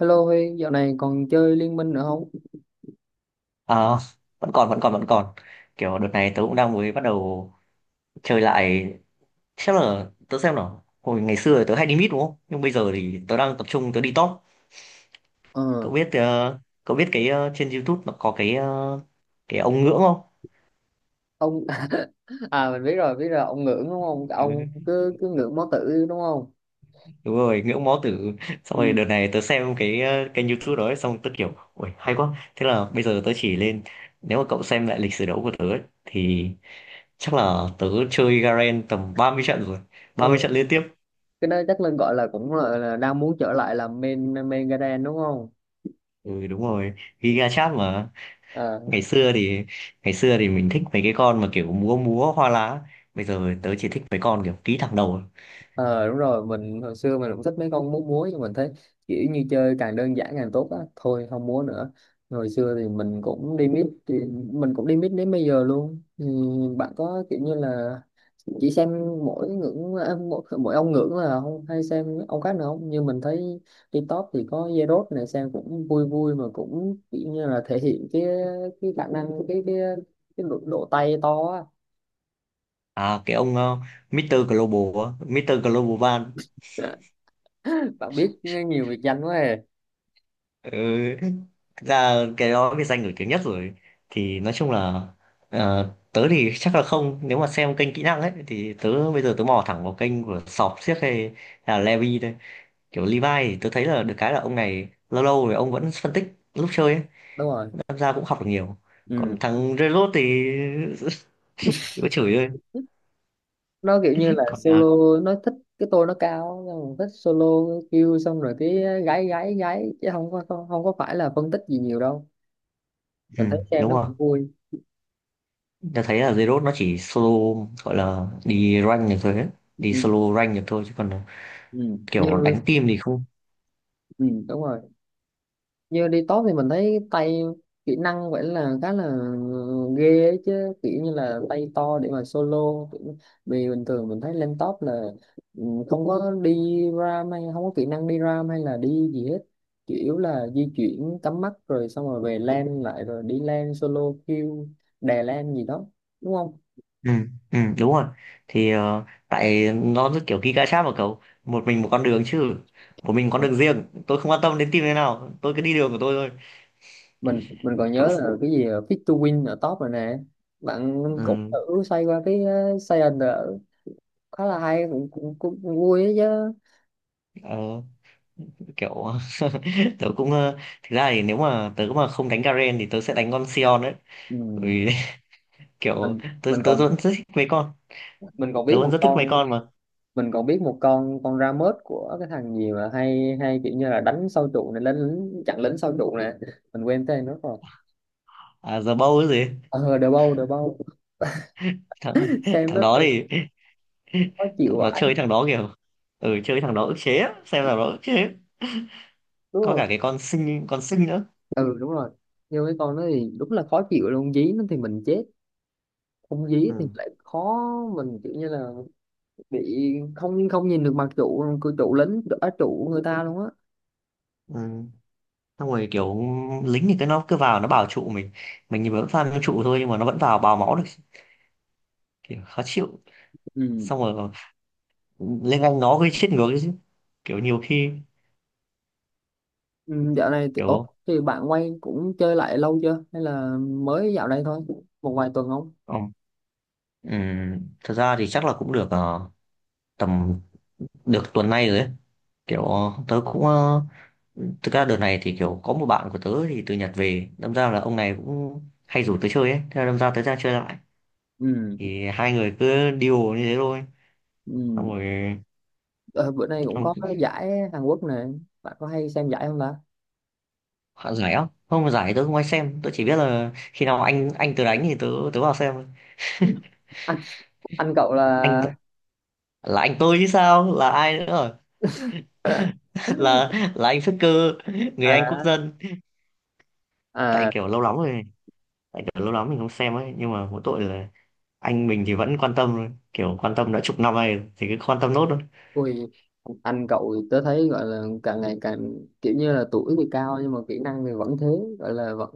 Hello Huy, dạo này còn chơi Liên Minh nữa không? Ờ, vẫn còn, kiểu đợt này tớ cũng đang mới bắt đầu chơi lại. Chắc là tớ xem nào, hồi ngày xưa thì tớ hay đi mid đúng không, nhưng bây giờ thì tớ đang tập trung tớ đi top. Ờ, Cậu biết cậu biết cái trên YouTube nó có cái cái ông ngưỡng không? ông à mình biết rồi, ông ngưỡng đúng không? Ông Ừ, cứ cứ ngưỡng máu tử đúng không? đúng rồi, ngưỡng mó tử. Xong rồi Ừ. đợt này tớ xem cái kênh YouTube đó ấy, xong tớ kiểu ui hay quá, thế là bây giờ tớ chỉ lên. Nếu mà cậu xem lại lịch sử đấu của tớ ấy, thì chắc là tớ chơi Garen tầm 30 trận rồi, 30 Ờ, trận liên tiếp. cái đó chắc Linh gọi là cũng là đang muốn trở lại làm main main Garden đúng không? Ừ đúng rồi, Giga Chat mà. Ờ, Ngày xưa thì ngày xưa thì mình thích mấy cái con mà kiểu múa múa hoa lá. Bây giờ tớ chỉ thích mấy con kiểu ký thẳng đầu. Ờ đúng rồi, mình hồi xưa mình cũng thích mấy con múa múa nhưng mình thấy kiểu như chơi càng đơn giản càng tốt á, thôi không múa nữa. Hồi xưa thì mình cũng đi mít thì mình cũng đi mít đến bây giờ luôn. Ừ, bạn có kiểu như là chỉ xem mỗi ngưỡng à, mỗi ông ngưỡng là không hay xem ông khác nữa không? Như mình thấy đi top thì có Zerod này xem cũng vui vui mà cũng kiểu như là thể hiện cái khả năng cái cái độ, độ tay to á. À cái ông Mr. Global, á, Mr. Global Van. Bạn biết nhiều biệt danh quá à. Ừ. Thực ra cái đó cái danh nổi tiếng nhất rồi. Thì nói chung là tớ thì chắc là không, nếu mà xem kênh kỹ năng ấy thì bây giờ tớ mò thẳng vào kênh của Sọp xiếc hay là Levi thôi. Kiểu Levi thì tớ thấy là được cái là ông này lâu lâu rồi ông vẫn phân tích lúc chơi ấy, Đúng rồi. tham gia cũng học được nhiều. Còn Ừ. thằng Zerot thì chỉ có chửi thôi. Nó kiểu như là Còn à, solo, nó thích cái tôi nó cao xong rồi thích solo kêu xong rồi cái gái gái gái chứ không có không có phải là phân tích gì nhiều đâu, ừ, mình thấy xem đúng nó rồi, cũng vui. ta thấy là Zerot nó chỉ solo, gọi là đi rank được thôi ấy. Đi Ừ. solo rank được thôi chứ còn à, Ừ. như kiểu đánh team thì không. ừ, đúng rồi, như đi top thì mình thấy tay kỹ năng vậy là khá là ghê ấy chứ, kiểu như là tay to để mà solo. Kiểu- vì bình thường mình thấy lên top là ừ, không có đi ram hay không có kỹ năng đi ram hay là đi gì hết, chủ yếu là di chuyển cắm mắt rồi xong rồi về lane lại rồi đi lane solo kill đè lane gì đó, đúng không? Ừ, ừ, đúng rồi. Thì ờ, tại nó rất kiểu kỹ gacha mà, cậu một mình một con đường, chứ một mình con đường riêng, tôi không quan tâm đến team thế nào, tôi cứ đi đường của tôi thôi. Mình còn Cậu. nhớ là cái gì fit to win ở top rồi nè, bạn cũng Ừ, thử xoay qua cái Saiyan khá là hay, cũng vui ấy chứ. ờ. Kiểu tớ cũng ờ, thực ra thì nếu mà tớ mà không đánh Garen thì tớ sẽ đánh con Sion đấy. Bởi Ừ. vì kiểu mình tớ mình tớ còn vẫn rất thích mấy con, mình còn tớ biết vẫn một rất thích mấy con con mà mình còn biết một con ra mớt của cái thằng gì mà hay hay kiểu như là đánh sâu trụ này, đánh lính chặn lính sâu trụ nè, mình quên tên nó rồi. à giờ bâu cái gì. Ờ đờ bâu đờ bâu. Thằng Xem thằng nó đó thì thì khó chịu thằng đó vãi. chơi, thằng đó kiểu ừ, chơi thằng đó ức chế á, xem thằng đó ức chế. Đúng Có rồi. cả cái con sinh, con sinh nữa. Ừ đúng rồi, nhưng cái con nó thì đúng là khó chịu luôn, dí nó thì mình chết, không dí thì Ừ. lại khó, mình kiểu như là bị không không nhìn được mặt trụ cửa trụ lính ở trụ người ta luôn á. Ừ. Xong rồi kiểu lính thì cái nó cứ vào nó bảo trụ mình thì vẫn farm cho trụ thôi nhưng mà nó vẫn vào bào máu được, kiểu khó chịu. Ừ. Xong rồi lên Anh nó gây chết ngược đấy chứ, kiểu nhiều khi Ừ, dạo này thì, ủa, kiểu thì bạn quay cũng chơi lại lâu chưa hay là mới dạo đây thôi, một vài tuần không? ờ, thật ra thì chắc là cũng được tầm được tuần nay rồi ấy. Kiểu thực ra đợt này thì kiểu có một bạn của tớ thì từ Nhật về, đâm ra là ông này cũng hay rủ tớ chơi ấy, thế là đâm ra tớ ra chơi lại. Ừ, Thì hai người cứ điều như thế thôi. Xong ừ. rồi. Ờ, bữa nay cũng Xong có cái giải Hàn Quốc nè, bạn có hay xem giải không ta? hạ giải á, không, giải tớ không ai xem, tớ chỉ biết là khi nào anh tớ đánh thì tớ, tớ vào xem thôi. anh anh cậu là Anh là anh tôi chứ sao là ai nữa, à, là là anh xuất cư, người Anh quốc dân. Tại à. kiểu lâu lắm rồi, tại kiểu lâu lắm mình không xem ấy, nhưng mà mỗi tội là anh mình thì vẫn quan tâm thôi. Kiểu quan tâm đã 10 năm nay rồi, thì cứ quan tâm nốt thôi. Ui, anh cậu thì tớ thấy gọi là càng ngày càng kiểu như là tuổi thì cao nhưng mà kỹ năng thì vẫn thế, gọi là vẫn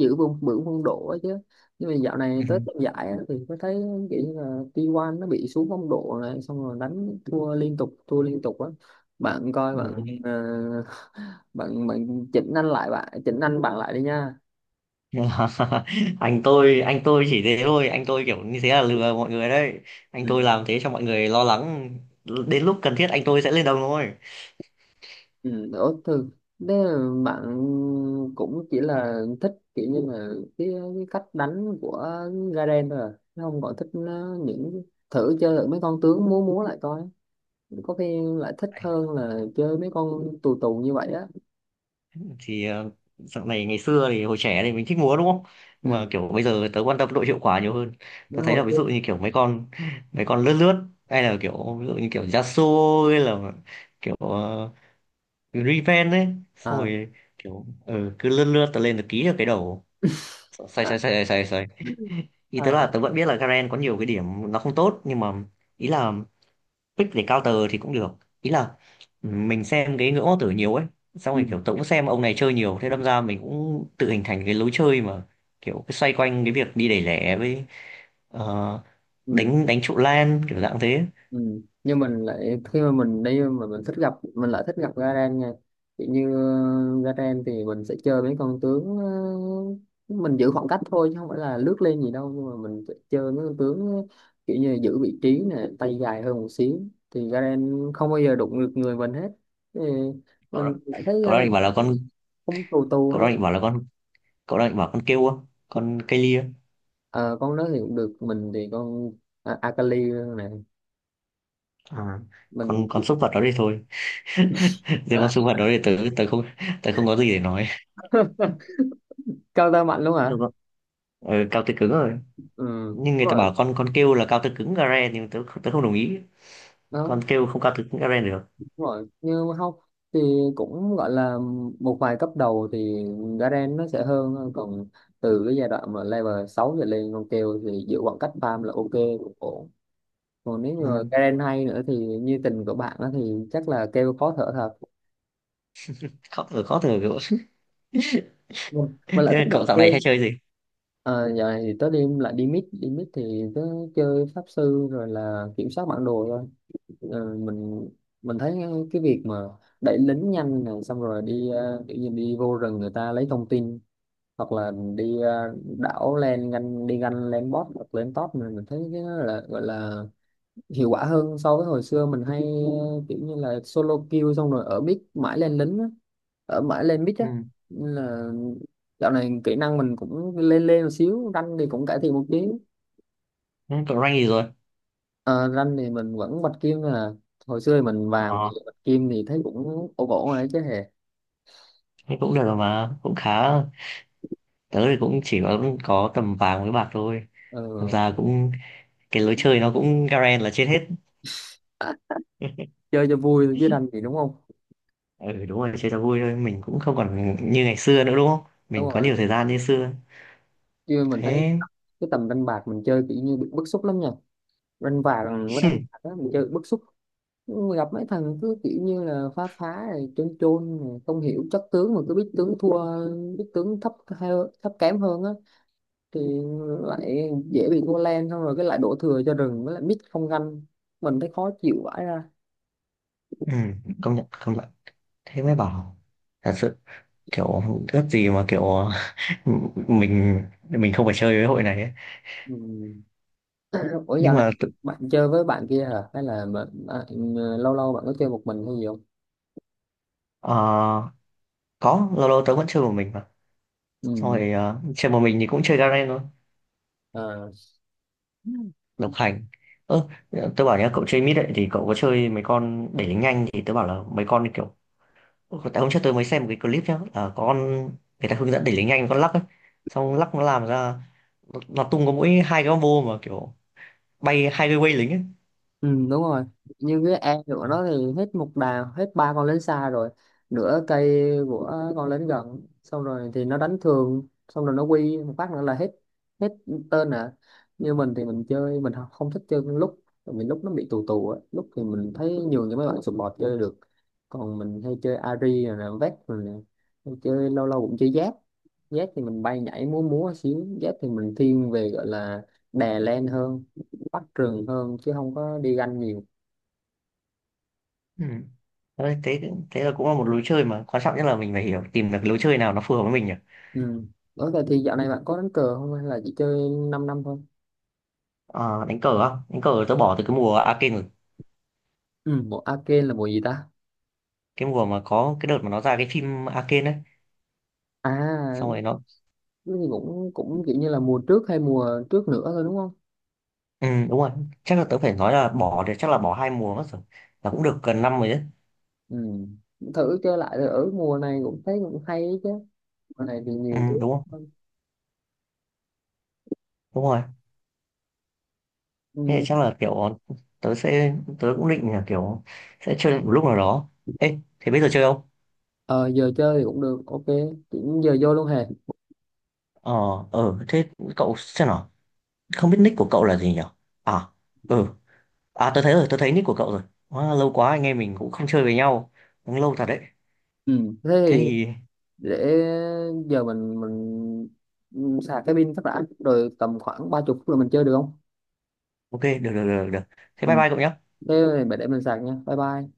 giữ vững vững phong độ ấy chứ, nhưng mà dạo này Ừ. tới tập giải á, thì có thấy kiểu như là T1 nó bị xuống phong độ này xong rồi đánh thua liên tục á, bạn coi bạn Ừ. ờ, bạn bạn chỉnh anh lại, bạn chỉnh anh bạn lại đi nha. Anh tôi chỉ thế thôi, anh tôi kiểu như thế là lừa mọi người đấy, anh Ừ. tôi làm thế cho mọi người lo lắng. Đến lúc cần thiết anh tôi sẽ lên đồng thôi. Ừ, ủa, thường thế là bạn cũng chỉ là thích kiểu như là cái, cái cách đánh của Garen thôi à? Chứ không còn thích nó- những thử chơi thử mấy con tướng múa múa lại coi, có khi lại thích hơn là chơi mấy con tù tù như vậy á. Thì ờ, dạo này ngày xưa thì hồi trẻ thì mình thích múa đúng không, nhưng Ừ mà kiểu bây giờ tớ quan tâm độ hiệu quả nhiều hơn. đúng Tớ thấy là rồi. ví dụ như kiểu mấy con, mấy con lướt lướt, hay là kiểu ví dụ như kiểu Yasuo hay là kiểu Riven ấy. Xong À. rồi kiểu ừ, cứ lướt lướt tớ lên tớ ký được cái đầu. Sai À, sai sai sai sai, ý tớ à. là tớ vẫn biết là Garen có nhiều cái điểm nó không tốt, nhưng mà ý là pick để counter thì cũng được. Ý là mình xem cái ngưỡng hoàng tử nhiều ấy, xong rồi Ừ. kiểu tôi cũng xem ông này chơi nhiều thế, đâm ra mình cũng tự hình thành cái lối chơi mà kiểu cái xoay quanh cái việc đi đẩy lẻ với ờ, Ừ. đánh, đánh trụ lan kiểu dạng thế. Ừ. Nhưng mình lại khi mà mình đi mà mình thích gặp, mình lại thích gặp Garen nha, kiểu như ờ, Garen thì mình sẽ chơi mấy con tướng ờ, mình giữ khoảng cách thôi chứ không phải là lướt lên gì đâu, nhưng mà mình sẽ chơi mấy con tướng kiểu như giữ vị trí nè, tay dài hơn một xíu, thì Garen không bao giờ đụng được người mình hết, thì Cậu đó, mình lại thấy cậu đang định bảo Garen là con không tù tù cậu đang hết. định bảo là con cậu đang định bảo con kêu không, con cây lia. Ờ, con đó thì cũng được, mình thì con à, Akali này, À. mình Con súc vật đó đi thôi. Riêng con súc vật đó thì tớ tớ không tớ không có gì để nói. cao tơ mạnh luôn Thế là- hả? con- ờ, cao tơ cứng rồi, Ừ đúng nhưng người ta rồi. bảo con kêu là cao tơ cứng gare, nhưng tớ tớ không đồng ý. Đó. Con kêu không cao từ cũng Eren được. Đúng rồi, như học thì cũng gọi là một vài cấp đầu thì Garen nó sẽ hơn, còn từ cái giai đoạn mà level 6 trở lên, con kêu thì giữ khoảng cách farm là ok, cũng ổn, còn nếu như mà Ừ. Garen hay nữa thì như tình của bạn á thì chắc là kêu khó thở thật. Khó thở, khó thở kiểu Vâng. Mình lại thế là thích gặp cậu dạo này kêu. hay chơi gì? À, giờ này thì tới đêm lại đi mid, đi mid thì tớ chơi pháp sư rồi là kiểm soát bản đồ thôi. Ờ, mình thấy cái việc mà đẩy lính nhanh này xong rồi đi ờ, kiểu như đi vô rừng người ta lấy thông tin hoặc là đi ờ, đảo lên ganh, đi ganh lên bot hoặc lên top, mình thấy cái đó là gọi là hiệu quả hơn so với hồi xưa mình hay ờ, kiểu như là solo kill xong rồi ở mid mãi lên lính á, ở mãi lên mid á. Ừ. Nên là dạo này kỹ năng mình cũng lên lên một xíu, rank thì cũng cải thiện một tí. Ừ, cậu rank gì rồi? Ờ, rank thì mình vẫn bạch kim, là hồi xưa thì mình vàng, bây Ờ giờ bạch kim thì thấy cũng ổn ổn rồi đấy chứ hề. thế cũng được rồi mà cũng khá, tớ thì cũng chỉ có tầm vàng với bạc thôi. Ờ, Thật ra cũng cái lối chơi nó cũng Garen là chết hết. chơi cho vui chứ rank thì đúng không? Ừ đúng rồi, chơi cho vui thôi, mình cũng không còn như ngày xưa nữa đúng không, Đúng mình có rồi. nhiều thời gian như xưa. Chứ mình thấy Thế cái tầm đánh bạc mình chơi kiểu như bị bức xúc lắm nha, đánh bạc với đánh bạc đó, mình chơi bị bức xúc, gặp mấy thằng cứ kiểu như là phá phá rồi chôn chôn rồi không hiểu chất tướng mà cứ biết tướng thua, biết tướng thấp hơn- thấp kém hơn á, thì lại dễ bị thua len xong rồi cái lại đổ thừa cho rừng với lại mít không ganh, mình thấy khó chịu vãi ra. ừ, công nhận công nhận. Thế mới bảo, thật sự kiểu, ước gì mà kiểu mình mình không phải chơi với hội này ấy. Ừ. Ủa dạo Nhưng này mà tự- bạn chơi với bạn kia hả, hay là bạn, à, lâu lâu bạn có chơi một mình hay gì không? ờ, có lâu lâu tớ vẫn chơi một mình mà. Xong Ừ. rồi ờ, chơi một mình thì cũng chơi Garen thôi, À. độc hành. Ơ, tớ bảo nhá, cậu chơi mid ấy thì cậu có chơi mấy con để lính nhanh, thì tớ bảo là mấy con kiểu, tại hôm trước tớ mới xem một cái clip nhá là có con người ta hướng dẫn để lính nhanh, con lắc ấy, xong lắc nó làm ra nó tung có mỗi 2 cái combo mà kiểu bay 2 cái way lính ấy. Ừ, đúng rồi, như cái e của nó thì hết một đàn, hết ba con lính xa rồi nửa cây của con lính gần, xong rồi thì nó đánh thường xong rồi nó quy một phát nữa là hết, hết tên à. Như mình thì mình chơi, mình không không thích chơi con lúc, tại vì lúc nó bị tù tù á, lúc thì mình thấy nhường cho mấy bạn support chơi được, còn mình hay chơi Ari rồi nè, Vec rồi nè, hay chơi, lâu lâu cũng chơi Zed. Zed thì mình bay nhảy múa múa xíu, Zed thì mình thiên về gọi là đè lên hơn, bắt trường hơn chứ không có đi ganh nhiều. Ừ. Đấy, thế thế là cũng là một lối chơi, mà quan trọng nhất là mình phải hiểu tìm được lối chơi nào nó phù hợp với mình nhỉ. Ừ. Ủa vậy thì dạo này bạn có đánh cờ không hay là chỉ chơi 5 năm năm thôi? Ờ, đánh cờ á, đánh cờ tớ bỏ từ cái mùa Arcane rồi. Ừ. Mùa arcade là mùa gì ta? Cái mùa mà có cái đợt mà nó ra cái phim Arcane ấy, À xong rồi nó cái gì cũng cũng kiểu như là mùa trước hay mùa trước nữa thôi đúng không? ừ, đúng rồi. Chắc là tớ phải nói là bỏ thì chắc là bỏ 2 mùa mất rồi, là cũng được gần năm rồi đấy. Ừ. Thử chơi lại rồi ở mùa này cũng thấy cũng hay ấy chứ, mùa này thì Ừ, nhiều thứ đúng không, hơn. đúng rồi. Thế thì Ừ. chắc là kiểu tớ sẽ, tớ cũng định là kiểu sẽ chơi một lúc nào đó. Ê thế bây giờ chơi không? Ờ, giờ chơi thì cũng được ok, chỉ giờ vô luôn hề. Ờ, ờ thế, cậu xem nào, không biết nick của cậu là gì nhỉ? À, ừ, à tớ thấy rồi, tớ thấy nick của cậu rồi. Quá lâu, quá anh em mình cũng không chơi với nhau, cũng lâu thật đấy. Ừ. Thế Thế thì thì để giờ mình sạc cái pin phát đã rồi tầm khoảng 30 phút là mình chơi được không? ok, được được được được, thế bye Ừ. bye cậu nhé. Thế để mình sạc nha, bye bye.